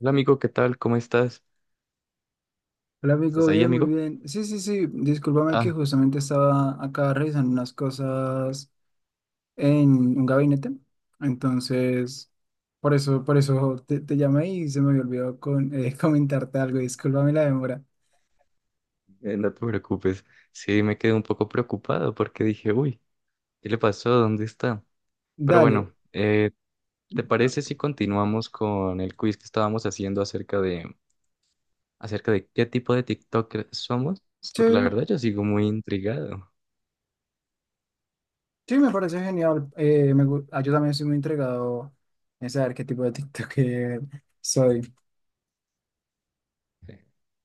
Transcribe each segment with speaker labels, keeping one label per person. Speaker 1: Hola amigo, ¿qué tal? ¿Cómo estás?
Speaker 2: Hola amigo,
Speaker 1: ¿Estás ahí,
Speaker 2: bien, muy
Speaker 1: amigo?
Speaker 2: bien. Sí, sí, sí, discúlpame que
Speaker 1: Ah,
Speaker 2: justamente estaba acá revisando unas cosas en un gabinete. Entonces, por eso te llamé y se me olvidó comentarte algo. Discúlpame la demora.
Speaker 1: no te preocupes. Sí, me quedé un poco preocupado porque dije, uy, ¿qué le pasó? ¿Dónde está? Pero
Speaker 2: Dale.
Speaker 1: bueno, ¿te parece si continuamos con el quiz que estábamos haciendo acerca de qué tipo de TikToker somos? Porque la
Speaker 2: Sí,
Speaker 1: verdad yo sigo muy intrigado.
Speaker 2: sí, me parece genial. Yo también soy muy entregado en saber qué tipo de TikToker soy.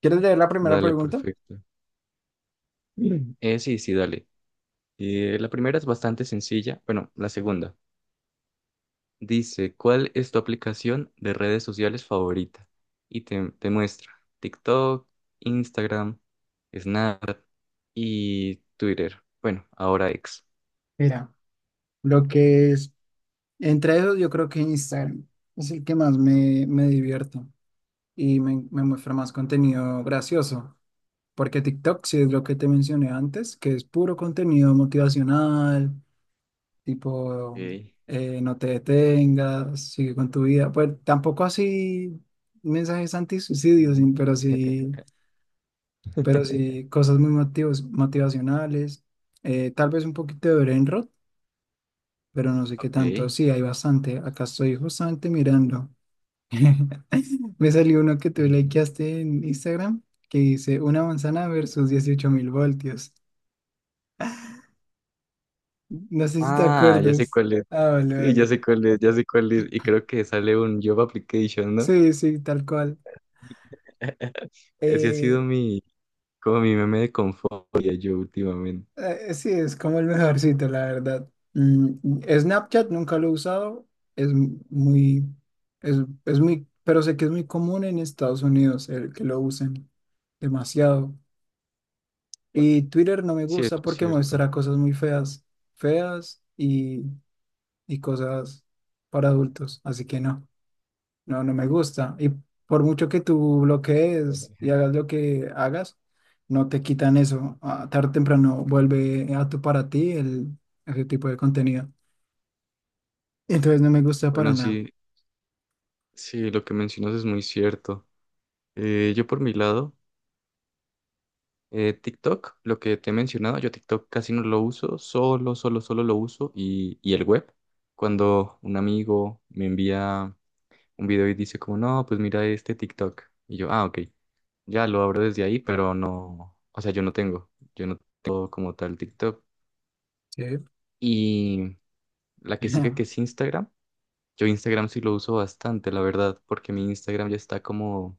Speaker 2: ¿Quieres leer la primera
Speaker 1: Dale,
Speaker 2: pregunta?
Speaker 1: perfecto. Mm. Sí, sí, dale. La primera es bastante sencilla. Bueno, la segunda. Dice, ¿cuál es tu aplicación de redes sociales favorita? Y te muestra TikTok, Instagram, Snap y Twitter. Bueno, ahora ex.
Speaker 2: Mira, lo que es, entre ellos yo creo que Instagram es el que más me divierto y me muestra más contenido gracioso, porque TikTok, si es lo que te mencioné antes, que es puro contenido motivacional, tipo
Speaker 1: Ok.
Speaker 2: no te detengas, sigue con tu vida. Pues tampoco así mensajes antisuicidios,
Speaker 1: Mm.
Speaker 2: sí, pero sí cosas muy motivacionales. Tal vez un poquito de Brainrot, pero no sé qué tanto.
Speaker 1: Ok.
Speaker 2: Sí, hay bastante. Acá estoy justamente mirando. Me salió uno que tú
Speaker 1: Mm.
Speaker 2: likeaste en Instagram que dice una manzana versus 18.000 voltios. No sé si te
Speaker 1: Ah, ya sé
Speaker 2: acuerdas.
Speaker 1: cuál es.
Speaker 2: Ah, vale,
Speaker 1: Sí, ya
Speaker 2: vale.
Speaker 1: sé cuál es, ya sé cuál es. Y creo que sale un Job Application, ¿no?
Speaker 2: Sí, sí, tal cual.
Speaker 1: Ese ha sido
Speaker 2: Eh,
Speaker 1: mi, como mi meme de confort yo últimamente.
Speaker 2: sí, es como el mejorcito, la verdad. Mm, Snapchat nunca lo he usado. Es m- muy, es, es muy, pero sé que es muy común en Estados Unidos el que lo usen demasiado. Y Twitter no me gusta
Speaker 1: Cierto,
Speaker 2: porque
Speaker 1: cierto.
Speaker 2: muestra cosas muy feas, feas y cosas para adultos. Así que no, no, no me gusta. Y por mucho que tú bloquees y hagas lo que hagas, no te quitan eso. Ah, tarde o temprano vuelve a tu para ti ese tipo de contenido. Entonces no me gusta para
Speaker 1: Bueno,
Speaker 2: nada.
Speaker 1: sí, sí, lo que mencionas es muy cierto. Yo por mi lado, TikTok, lo que te he mencionado, yo TikTok casi no lo uso, solo lo uso y el web. Cuando un amigo me envía un video y dice como, no, pues mira este TikTok. Y yo, ah, ok, ya lo abro desde ahí, pero no, o sea, yo no tengo como tal TikTok.
Speaker 2: Sí.
Speaker 1: Y la que sigue que es Instagram, yo Instagram sí lo uso bastante, la verdad, porque mi Instagram ya está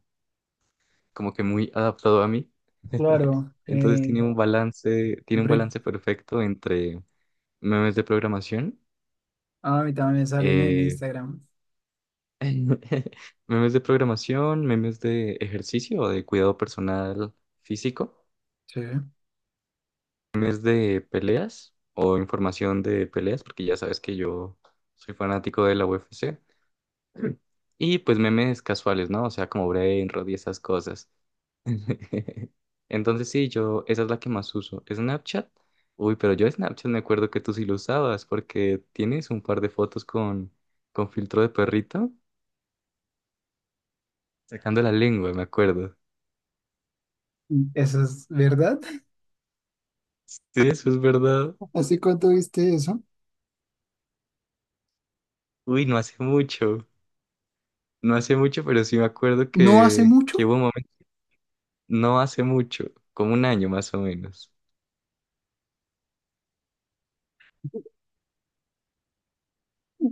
Speaker 1: como que muy adaptado a mí.
Speaker 2: Claro.
Speaker 1: Entonces tiene un
Speaker 2: Hombre,
Speaker 1: balance perfecto entre memes de programación,
Speaker 2: a mí también me salen en
Speaker 1: eh,
Speaker 2: Instagram.
Speaker 1: memes de programación, memes de ejercicio o de cuidado personal físico,
Speaker 2: Sí.
Speaker 1: memes de peleas o información de peleas, porque ya sabes que yo soy fanático de la UFC, y pues memes casuales, ¿no? O sea, como Brainrot y esas cosas. Entonces sí, yo, esa es la que más uso. Snapchat. Uy, pero yo Snapchat me acuerdo que tú sí lo usabas porque tienes un par de fotos con filtro de perrito sacando la lengua, me acuerdo.
Speaker 2: ¿Eso es verdad?
Speaker 1: Sí, eso es verdad.
Speaker 2: ¿Hace cuánto viste eso?
Speaker 1: Uy, no hace mucho. No hace mucho, pero sí me acuerdo
Speaker 2: No hace
Speaker 1: que
Speaker 2: mucho.
Speaker 1: hubo un momento, no hace mucho, como un año más o menos.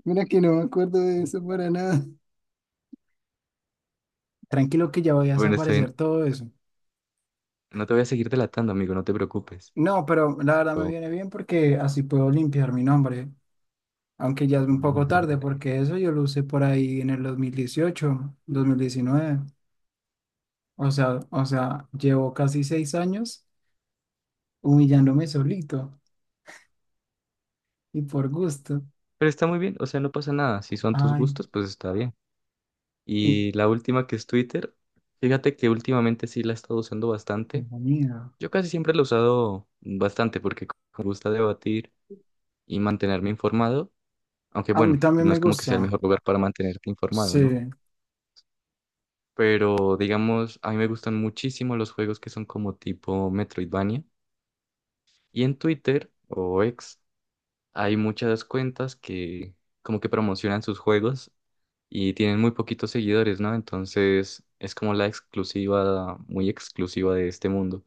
Speaker 2: Mira que no me acuerdo de eso para nada. Tranquilo que ya voy a
Speaker 1: Bueno, está bien.
Speaker 2: desaparecer todo eso.
Speaker 1: No te voy a seguir delatando, amigo, no te preocupes.
Speaker 2: No, pero la verdad me viene bien porque así puedo limpiar mi nombre, aunque ya es un poco tarde porque eso yo lo usé por ahí en el 2018, 2019. O sea, llevo casi 6 años humillándome solito y por gusto.
Speaker 1: Pero está muy bien, o sea, no pasa nada. Si son tus
Speaker 2: Ay,
Speaker 1: gustos, pues está bien.
Speaker 2: y,
Speaker 1: Y la última que es Twitter, fíjate que últimamente sí la he estado usando bastante.
Speaker 2: hijo mío.
Speaker 1: Yo casi siempre la he usado bastante porque me gusta debatir y mantenerme informado, aunque
Speaker 2: A mí
Speaker 1: bueno, pues
Speaker 2: también
Speaker 1: no
Speaker 2: me
Speaker 1: es como que sea el
Speaker 2: gusta.
Speaker 1: mejor lugar para mantenerte informado,
Speaker 2: Sí.
Speaker 1: ¿no? Pero digamos, a mí me gustan muchísimo los juegos que son como tipo Metroidvania. Y en Twitter o X hay muchas cuentas que como que promocionan sus juegos y tienen muy poquitos seguidores, ¿no? Entonces es como la exclusiva, muy exclusiva de este mundo.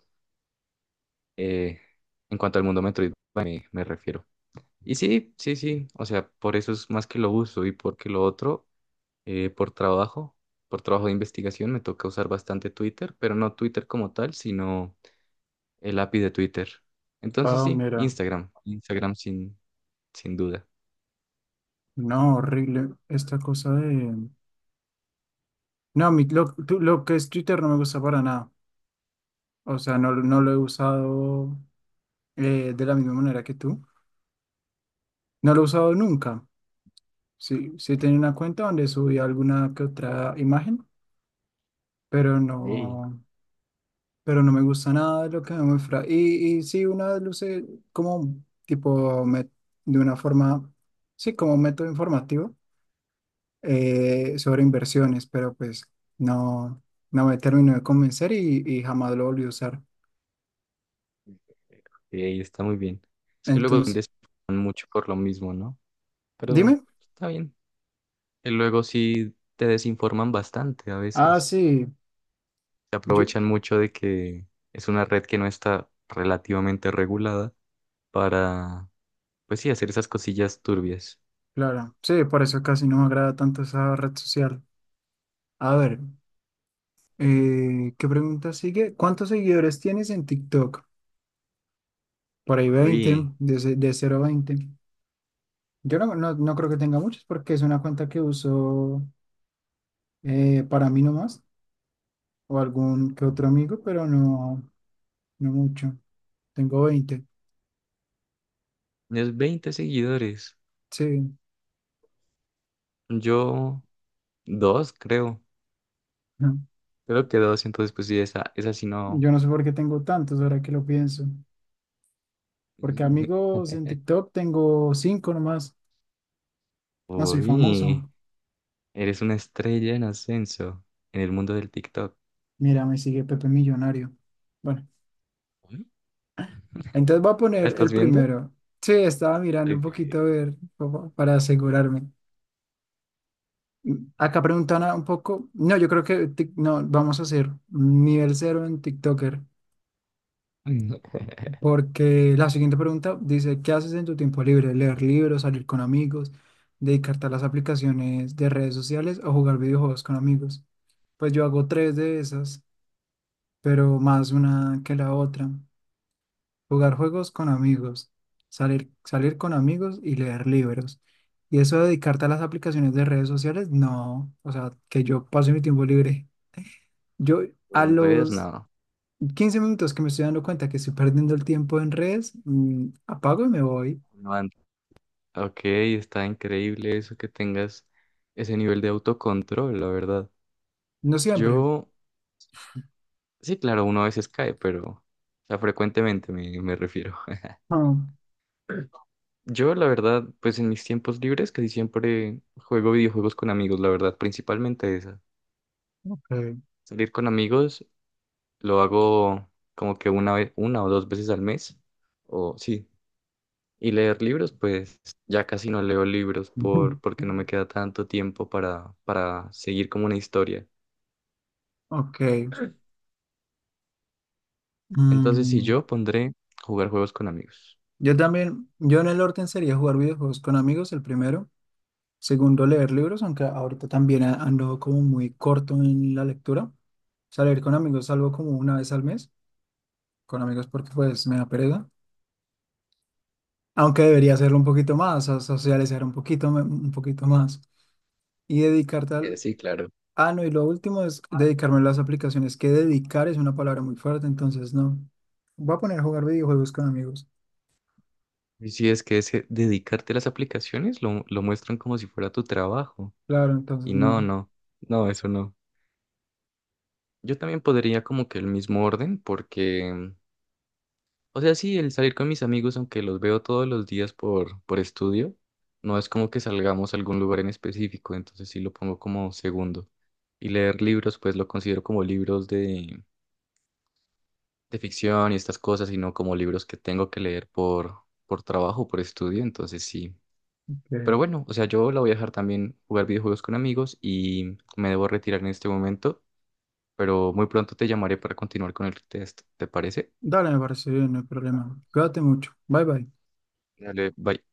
Speaker 1: Eh, en cuanto al mundo Metroid me refiero. Y sí, sí, sí, o sea, por eso es más que lo uso y porque lo otro, eh, por trabajo, por trabajo de investigación me toca usar bastante Twitter, pero no Twitter como tal, sino el API de Twitter. Entonces
Speaker 2: Ah,
Speaker 1: sí,
Speaker 2: mira.
Speaker 1: Instagram sin duda.
Speaker 2: No, horrible esta cosa de. No, lo que es Twitter no me gusta para nada. O sea, no, no lo he usado de la misma manera que tú. No lo he usado nunca. Sí, sí tenía una cuenta donde subí alguna que otra imagen, pero
Speaker 1: Ey.
Speaker 2: no, pero no me gusta nada de lo que me muestra. Y sí, una vez lo usé como tipo de una forma, sí, como método informativo sobre inversiones, pero pues no, no me terminó de convencer y jamás lo volví a usar.
Speaker 1: Sí, está muy bien. Es que luego te
Speaker 2: Entonces,
Speaker 1: desinforman mucho por lo mismo, ¿no? Pero
Speaker 2: dime.
Speaker 1: está bien. Y luego sí te desinforman bastante a
Speaker 2: Ah,
Speaker 1: veces.
Speaker 2: sí.
Speaker 1: Se aprovechan mucho de que es una red que no está relativamente regulada para, pues sí, hacer esas cosillas turbias.
Speaker 2: Claro, sí, por eso casi no me agrada tanto esa red social. A ver, ¿qué pregunta sigue? ¿Cuántos seguidores tienes en TikTok? Por ahí 20,
Speaker 1: Uy,
Speaker 2: de cero a 20. Yo no, no, no creo que tenga muchos porque es una cuenta que uso para mí nomás o algún que otro amigo, pero no, no mucho. Tengo 20.
Speaker 1: es 20 seguidores.
Speaker 2: Sí.
Speaker 1: Yo, dos, creo.
Speaker 2: Ujú.
Speaker 1: Creo que dos, entonces pues sí, esa sí no.
Speaker 2: Yo no sé por qué tengo tantos ahora que lo pienso. Porque amigos en TikTok tengo 5 nomás. No soy
Speaker 1: Uy,
Speaker 2: famoso.
Speaker 1: eres una estrella en ascenso en el mundo del TikTok.
Speaker 2: Mira, me sigue Pepe Millonario. Bueno, entonces voy a poner el
Speaker 1: ¿Estás viendo?
Speaker 2: primero. Sí, estaba mirando un
Speaker 1: Ok.
Speaker 2: poquito a ver como para asegurarme. Acá preguntan un poco. No, yo creo que no, vamos a hacer un nivel cero en TikToker. Porque la siguiente pregunta dice: ¿Qué haces en tu tiempo libre? ¿Leer libros, salir con amigos, dedicarte a las aplicaciones de redes sociales o jugar videojuegos con amigos? Pues yo hago tres de esas, pero más una que la otra. Jugar juegos con amigos, salir con amigos y leer libros. Y eso de dedicarte a las aplicaciones de redes sociales, no. O sea, que yo pase mi tiempo libre. Yo a
Speaker 1: En redes,
Speaker 2: los
Speaker 1: no.
Speaker 2: 15 minutos que me estoy dando cuenta que estoy perdiendo el tiempo en redes, apago y me voy.
Speaker 1: No antes. Ok, está increíble eso que tengas ese nivel de autocontrol, la verdad.
Speaker 2: No siempre.
Speaker 1: Yo, sí, claro, uno a veces cae, pero, o sea, frecuentemente me refiero.
Speaker 2: Ah,
Speaker 1: Yo, la verdad, pues en mis tiempos libres casi siempre juego videojuegos con amigos, la verdad, principalmente esa.
Speaker 2: ok.
Speaker 1: Salir con amigos lo hago como que una vez, una o dos veces al mes, o sí. Y leer libros, pues ya casi no leo libros porque no me queda tanto tiempo para seguir como una historia.
Speaker 2: Ok.
Speaker 1: Entonces, si
Speaker 2: Mm,
Speaker 1: yo pondré jugar juegos con amigos.
Speaker 2: yo también, yo en el orden sería jugar videojuegos con amigos el primero. Segundo, leer libros, aunque ahorita también ando como muy corto en la lectura. Salir con amigos salgo como una vez al mes, con amigos porque pues me da pereza. Aunque debería hacerlo un poquito más, a socializar un poquito, un poquito más. Y dedicarte al.
Speaker 1: Sí, claro.
Speaker 2: Ah, no, y lo último es dedicarme a las aplicaciones, que dedicar es una palabra muy fuerte, entonces no. Voy a poner a jugar videojuegos con amigos.
Speaker 1: Y si es que ese dedicarte a las aplicaciones lo muestran como si fuera tu trabajo.
Speaker 2: Claro, entonces
Speaker 1: Y no,
Speaker 2: no.
Speaker 1: no, no, eso no. Yo también podría como que el mismo orden porque, o sea, sí, el salir con mis amigos, aunque los veo todos los días por estudio, no es como que salgamos a algún lugar en específico, entonces sí lo pongo como segundo. Y leer libros, pues lo considero como libros de ficción y estas cosas, y no como libros que tengo que leer por trabajo, por estudio, entonces sí. Pero
Speaker 2: Bien.
Speaker 1: bueno, o sea, yo la voy a dejar también jugar videojuegos con amigos y me debo retirar en este momento, pero muy pronto te llamaré para continuar con el test, ¿te parece?
Speaker 2: Dale, me parece bien, no hay problema. Cuídate mucho. Bye bye.
Speaker 1: Dale, bye.